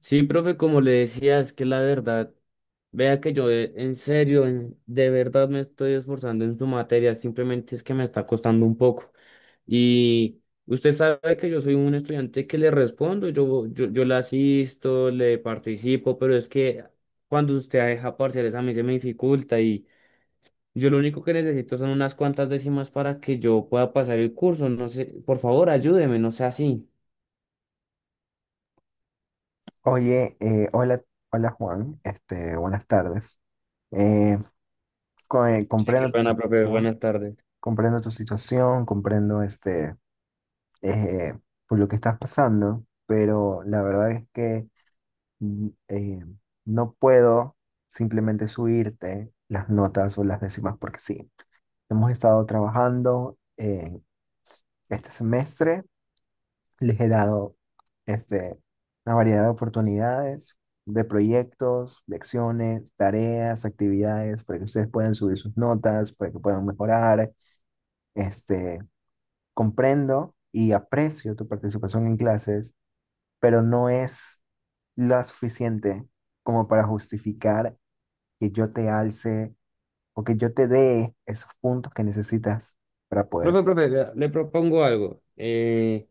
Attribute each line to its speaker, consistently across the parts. Speaker 1: Sí, profe, como le decía, es que la verdad, vea que yo en serio, de verdad me estoy esforzando en su materia, simplemente es que me está costando un poco. Y usted sabe que yo soy un estudiante que le respondo, yo le asisto, le participo, pero es que cuando usted deja parciales a mí se me dificulta y yo lo único que necesito son unas cuantas décimas para que yo pueda pasar el curso. No sé, por favor, ayúdeme, no sea así.
Speaker 2: Oye, hola, Juan, buenas tardes. Eh,
Speaker 1: Sí, qué
Speaker 2: Comprendo tu
Speaker 1: pena, profe,
Speaker 2: situación,
Speaker 1: buenas tardes.
Speaker 2: comprendo eh, por lo que estás pasando, pero la verdad es que mm, eh, no puedo simplemente subirte las notas o las décimas porque sí. Hemos estado trabajando este semestre. Les he dado este, una variedad de oportunidades, de proyectos, lecciones, tareas, actividades, para que ustedes puedan subir sus notas, para que puedan mejorar. Este, Comprendo y aprecio tu participación en clases, pero no es lo suficiente como para justificar que yo te alce o que yo te dé esos puntos que necesitas para poder.
Speaker 1: Profe, profe, vea, le propongo algo.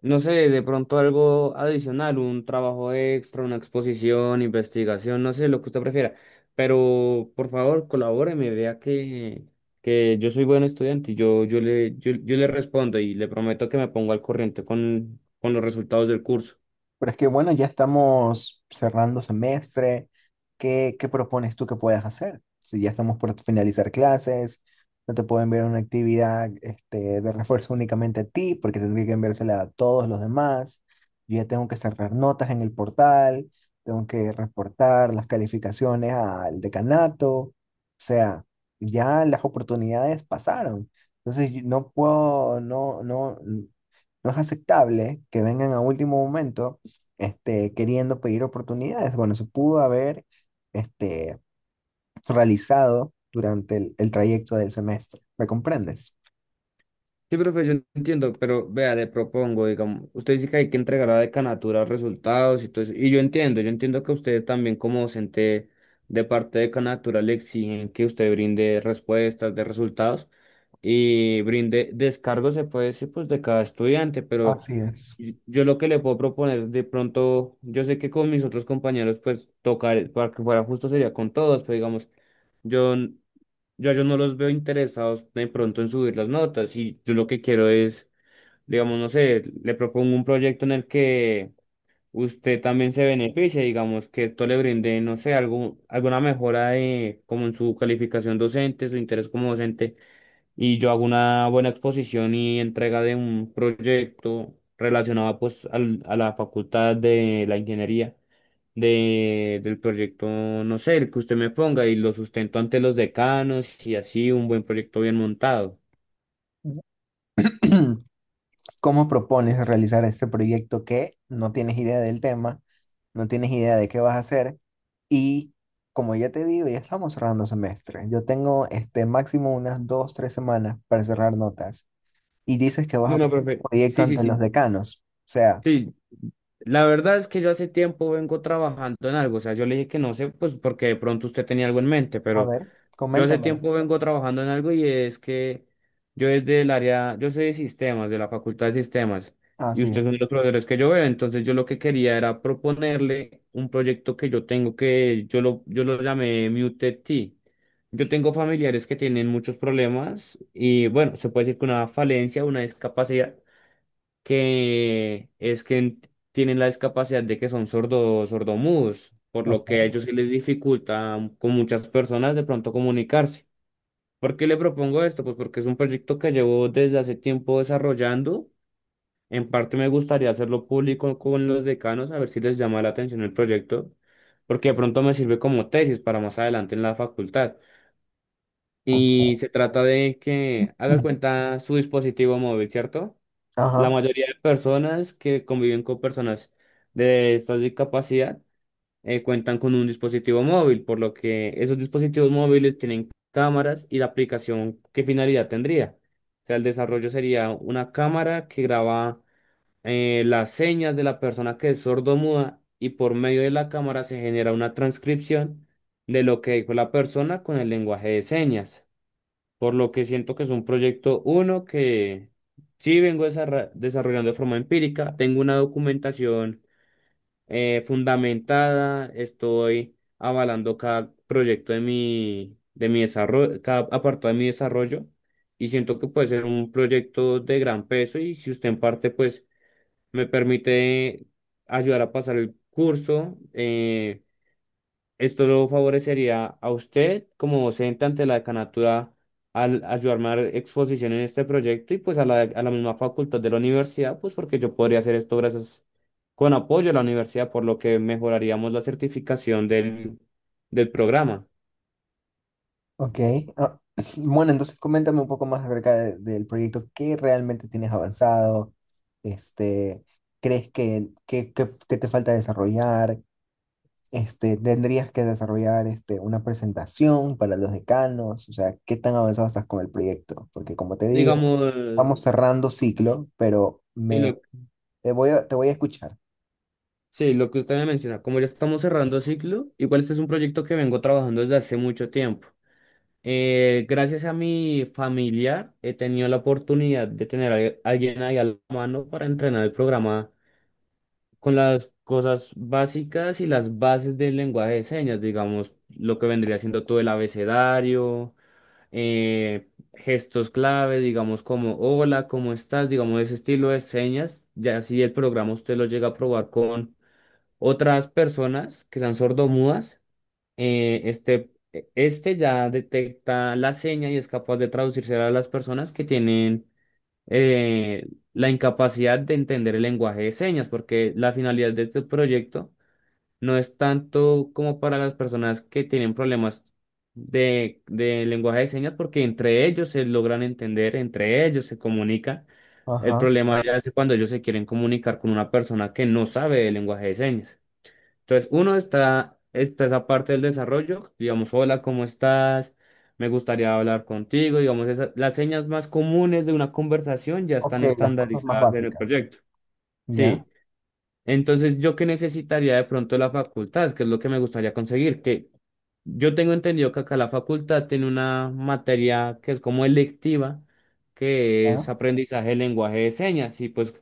Speaker 1: No sé, de pronto algo adicional, un trabajo extra, una exposición, investigación, no sé, lo que usted prefiera. Pero por favor, colabóreme, vea que yo soy buen estudiante y yo le respondo y le prometo que me pongo al corriente con los resultados del curso.
Speaker 2: Pero es que bueno, ya estamos cerrando semestre. ¿Qué propones tú que puedas hacer? Si ya estamos por finalizar clases, no te puedo enviar una actividad de refuerzo únicamente a ti, porque tendría que enviársela a todos los demás. Yo ya tengo que cerrar notas en el portal, tengo que reportar las calificaciones al decanato. O sea, ya las oportunidades pasaron. Entonces, yo no puedo, no, no, no es aceptable que vengan a último momento queriendo pedir oportunidades. Bueno, se pudo haber este, realizado durante el trayecto del semestre. ¿Me comprendes?
Speaker 1: Sí, profe, yo entiendo, pero vea, le propongo, digamos, usted dice que hay que entregar a la decanatura resultados y todo eso, y yo entiendo que usted también como docente de parte de decanatura le exigen que usted brinde respuestas de resultados y brinde descargos, se puede decir, pues de cada estudiante, pero
Speaker 2: Así es.
Speaker 1: yo lo que le puedo proponer de pronto, yo sé que con mis otros compañeros, pues tocar, para que fuera justo sería con todos, pero digamos, yo yo a ellos no los veo interesados de pronto en subir las notas y yo lo que quiero es, digamos, no sé, le propongo un proyecto en el que usted también se beneficie, digamos, que esto le brinde, no sé, algún, alguna mejora de, como en su calificación docente, su interés como docente, y yo hago una buena exposición y entrega de un proyecto relacionado pues a la facultad de la ingeniería del proyecto, no sé, el que usted me ponga y lo sustento ante los decanos y así un buen proyecto bien montado.
Speaker 2: ¿Cómo propones realizar este proyecto que no tienes idea del tema, no tienes idea de qué vas a hacer? Y como ya te digo, ya estamos cerrando semestre. Yo tengo máximo unas dos, tres semanas para cerrar notas. Y dices que vas a
Speaker 1: Bueno,
Speaker 2: presentar
Speaker 1: profe,
Speaker 2: un proyecto
Speaker 1: sí, sí,
Speaker 2: ante los
Speaker 1: sí.
Speaker 2: decanos. O sea,
Speaker 1: Sí, la verdad es que yo hace tiempo vengo trabajando en algo, o sea, yo le dije que no sé, pues porque de pronto usted tenía algo en mente,
Speaker 2: a
Speaker 1: pero
Speaker 2: ver,
Speaker 1: yo hace
Speaker 2: coméntame.
Speaker 1: tiempo vengo trabajando en algo y es que yo desde el área, yo soy de sistemas, de la Facultad de Sistemas, y
Speaker 2: Así.
Speaker 1: usted es uno de los profesores que yo veo, entonces yo lo que quería era proponerle un proyecto que yo tengo que, yo lo llamé Muted T. Yo tengo familiares que tienen muchos problemas y bueno, se puede decir que una falencia, una discapacidad, que es que tienen la discapacidad de que son sordos, sordomudos, por lo que a
Speaker 2: Ok,
Speaker 1: ellos se les dificulta con muchas personas de pronto comunicarse. ¿Por qué le propongo esto? Pues porque es un proyecto que llevo desde hace tiempo desarrollando. En parte me gustaría hacerlo público con los decanos, a ver si les llama la atención el proyecto, porque de pronto me sirve como tesis para más adelante en la facultad. Y
Speaker 2: ok.
Speaker 1: se trata de que haga cuenta su dispositivo móvil, ¿cierto? La
Speaker 2: Ajá,
Speaker 1: mayoría de personas que conviven con personas de esta discapacidad cuentan con un dispositivo móvil, por lo que esos dispositivos móviles tienen cámaras y la aplicación, ¿qué finalidad tendría? O sea, el desarrollo sería una cámara que graba las señas de la persona que es sordomuda y por medio de la cámara se genera una transcripción de lo que dijo la persona con el lenguaje de señas, por lo que siento que es un proyecto uno que sí vengo desarrollando de forma empírica, tengo una documentación fundamentada, estoy avalando cada proyecto de de mi desarrollo, cada apartado de mi desarrollo y siento que puede ser un proyecto de gran peso y si usted en parte pues me permite ayudar a pasar el curso, esto lo favorecería a usted como docente ante la decanatura al ayudarme a dar exposición en este proyecto y pues a a la misma facultad de la universidad, pues porque yo podría hacer esto gracias con apoyo a la universidad, por lo que mejoraríamos la certificación del programa.
Speaker 2: ok. Ah, bueno, entonces coméntame un poco más acerca del proyecto. ¿Qué realmente tienes avanzado? Este, ¿Crees que te falta desarrollar? ¿Tendrías que desarrollar una presentación para los decanos? O sea, ¿qué tan avanzado estás con el proyecto? Porque como te digo,
Speaker 1: Digamos,
Speaker 2: vamos cerrando ciclo, pero
Speaker 1: sí, lo,
Speaker 2: te voy te voy a escuchar.
Speaker 1: sí, lo que usted me menciona, como ya estamos cerrando ciclo, igual este es un proyecto que vengo trabajando desde hace mucho tiempo. Gracias a mi familiar he tenido la oportunidad de tener a alguien ahí a la mano para entrenar el programa con las cosas básicas y las bases del lenguaje de señas, digamos, lo que vendría siendo todo el abecedario, eh, gestos clave, digamos, como hola, ¿cómo estás? Digamos, ese estilo de señas, ya si el programa usted lo llega a probar con otras personas que sean sordomudas este ya detecta la seña y es capaz de traducirse a las personas que tienen eh, la incapacidad de entender el lenguaje de señas, porque la finalidad de este proyecto no es tanto como para las personas que tienen problemas de lenguaje de señas, porque entre ellos se logran entender, entre ellos se comunican. El
Speaker 2: Ajá.
Speaker 1: problema ya es cuando ellos se quieren comunicar con una persona que no sabe el lenguaje de señas. Entonces, uno está esa parte del desarrollo, digamos, hola, ¿cómo estás? Me gustaría hablar contigo, digamos, esas, las señas más comunes de una conversación ya
Speaker 2: Ok,
Speaker 1: están
Speaker 2: las cosas más
Speaker 1: estandarizadas en el
Speaker 2: básicas.
Speaker 1: proyecto.
Speaker 2: ¿Ya?
Speaker 1: Sí. Entonces, ¿yo qué necesitaría de pronto la facultad? ¿Qué es lo que me gustaría conseguir? Que yo tengo entendido que acá la facultad tiene una materia que es como electiva, que es
Speaker 2: ¿Ya?
Speaker 1: aprendizaje de lenguaje de señas. Y pues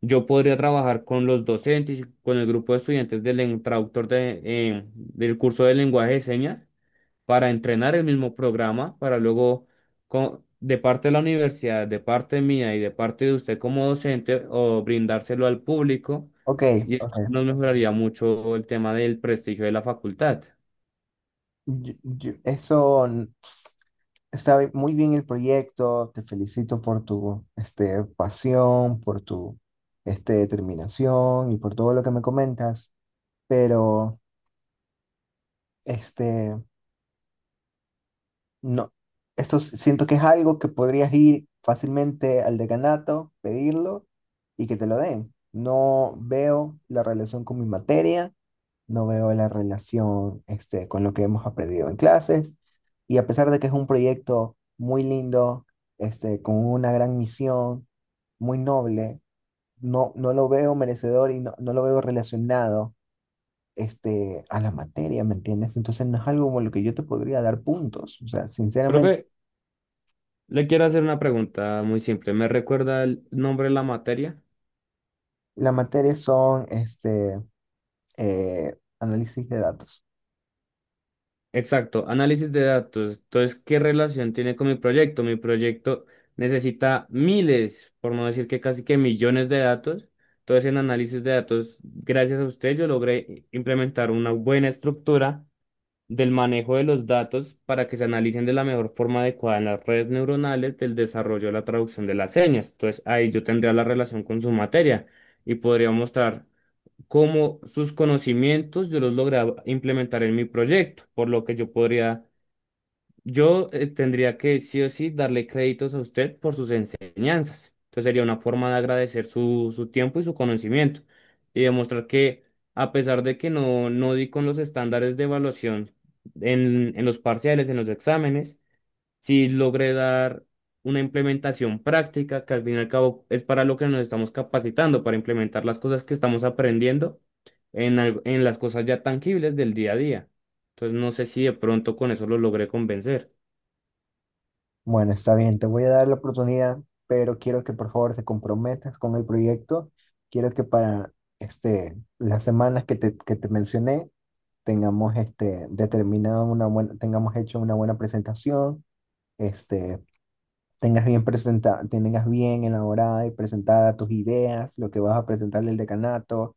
Speaker 1: yo podría trabajar con los docentes, y con el grupo de estudiantes del traductor de, del curso de lenguaje de señas para entrenar el mismo programa, para luego, de parte de la universidad, de parte mía y de parte de usted como docente, o brindárselo al público,
Speaker 2: Ok,
Speaker 1: y
Speaker 2: ok.
Speaker 1: esto nos mejoraría mucho el tema del prestigio de la facultad.
Speaker 2: Eso está muy bien el proyecto, te felicito por tu pasión, por tu determinación y por todo lo que me comentas, pero este, no, esto siento que es algo que podrías ir fácilmente al decanato, pedirlo y que te lo den. No veo la relación con mi materia, no veo la relación con lo que hemos aprendido en clases. Y a pesar de que es un proyecto muy lindo, con una gran misión, muy noble, no, no lo veo merecedor y no, no lo veo relacionado a la materia, ¿me entiendes? Entonces no es algo como lo que yo te podría dar puntos. O sea, sinceramente,
Speaker 1: Profe, le quiero hacer una pregunta muy simple. ¿Me recuerda el nombre de la materia?
Speaker 2: la materia son análisis de datos.
Speaker 1: Exacto, análisis de datos. Entonces, ¿qué relación tiene con mi proyecto? Mi proyecto necesita miles, por no decir que casi que millones de datos. Entonces, en análisis de datos, gracias a usted, yo logré implementar una buena estructura del manejo de los datos para que se analicen de la mejor forma adecuada en las redes neuronales del desarrollo de la traducción de las señas. Entonces, ahí yo tendría la relación con su materia y podría mostrar cómo sus conocimientos yo los lograba implementar en mi proyecto, por lo que yo podría, yo tendría que sí o sí darle créditos a usted por sus enseñanzas. Entonces sería una forma de agradecer su tiempo y su conocimiento y demostrar que a pesar de que no, no di con los estándares de evaluación en los parciales, en los exámenes, si logré dar una implementación práctica, que al fin y al cabo es para lo que nos estamos capacitando, para implementar las cosas que estamos aprendiendo en las cosas ya tangibles del día a día. Entonces, no sé si de pronto con eso lo logré convencer.
Speaker 2: Bueno, está bien, te voy a dar la oportunidad, pero quiero que por favor te comprometas con el proyecto. Quiero que para las semanas que que te mencioné tengamos determinado una buena, tengamos hecho una buena presentación, este, tengas bien tengas bien elaborada y presentada tus ideas, lo que vas a presentarle al decanato,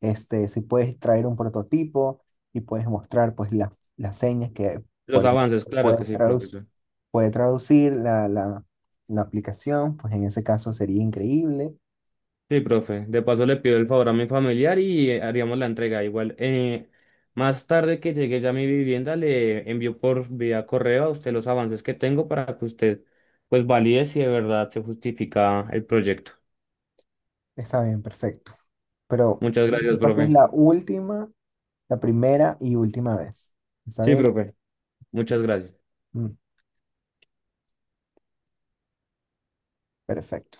Speaker 2: si puedes traer un prototipo y puedes mostrar pues las señas que
Speaker 1: Los
Speaker 2: por-
Speaker 1: avances, claro
Speaker 2: puede,
Speaker 1: que sí, profesor.
Speaker 2: puede traducir la aplicación, pues en ese caso sería increíble.
Speaker 1: Sí, profe. De paso le pido el favor a mi familiar y haríamos la entrega. Igual, más tarde que llegue ya a mi vivienda, le envío por vía correo a usted los avances que tengo para que usted pues valide si de verdad se justifica el proyecto.
Speaker 2: Está bien, perfecto. Pero
Speaker 1: Muchas
Speaker 2: quiero que
Speaker 1: gracias,
Speaker 2: sepas que es
Speaker 1: profe.
Speaker 2: la primera y última vez. ¿Está
Speaker 1: Sí,
Speaker 2: bien?
Speaker 1: profe. Muchas gracias.
Speaker 2: Mm, perfecto.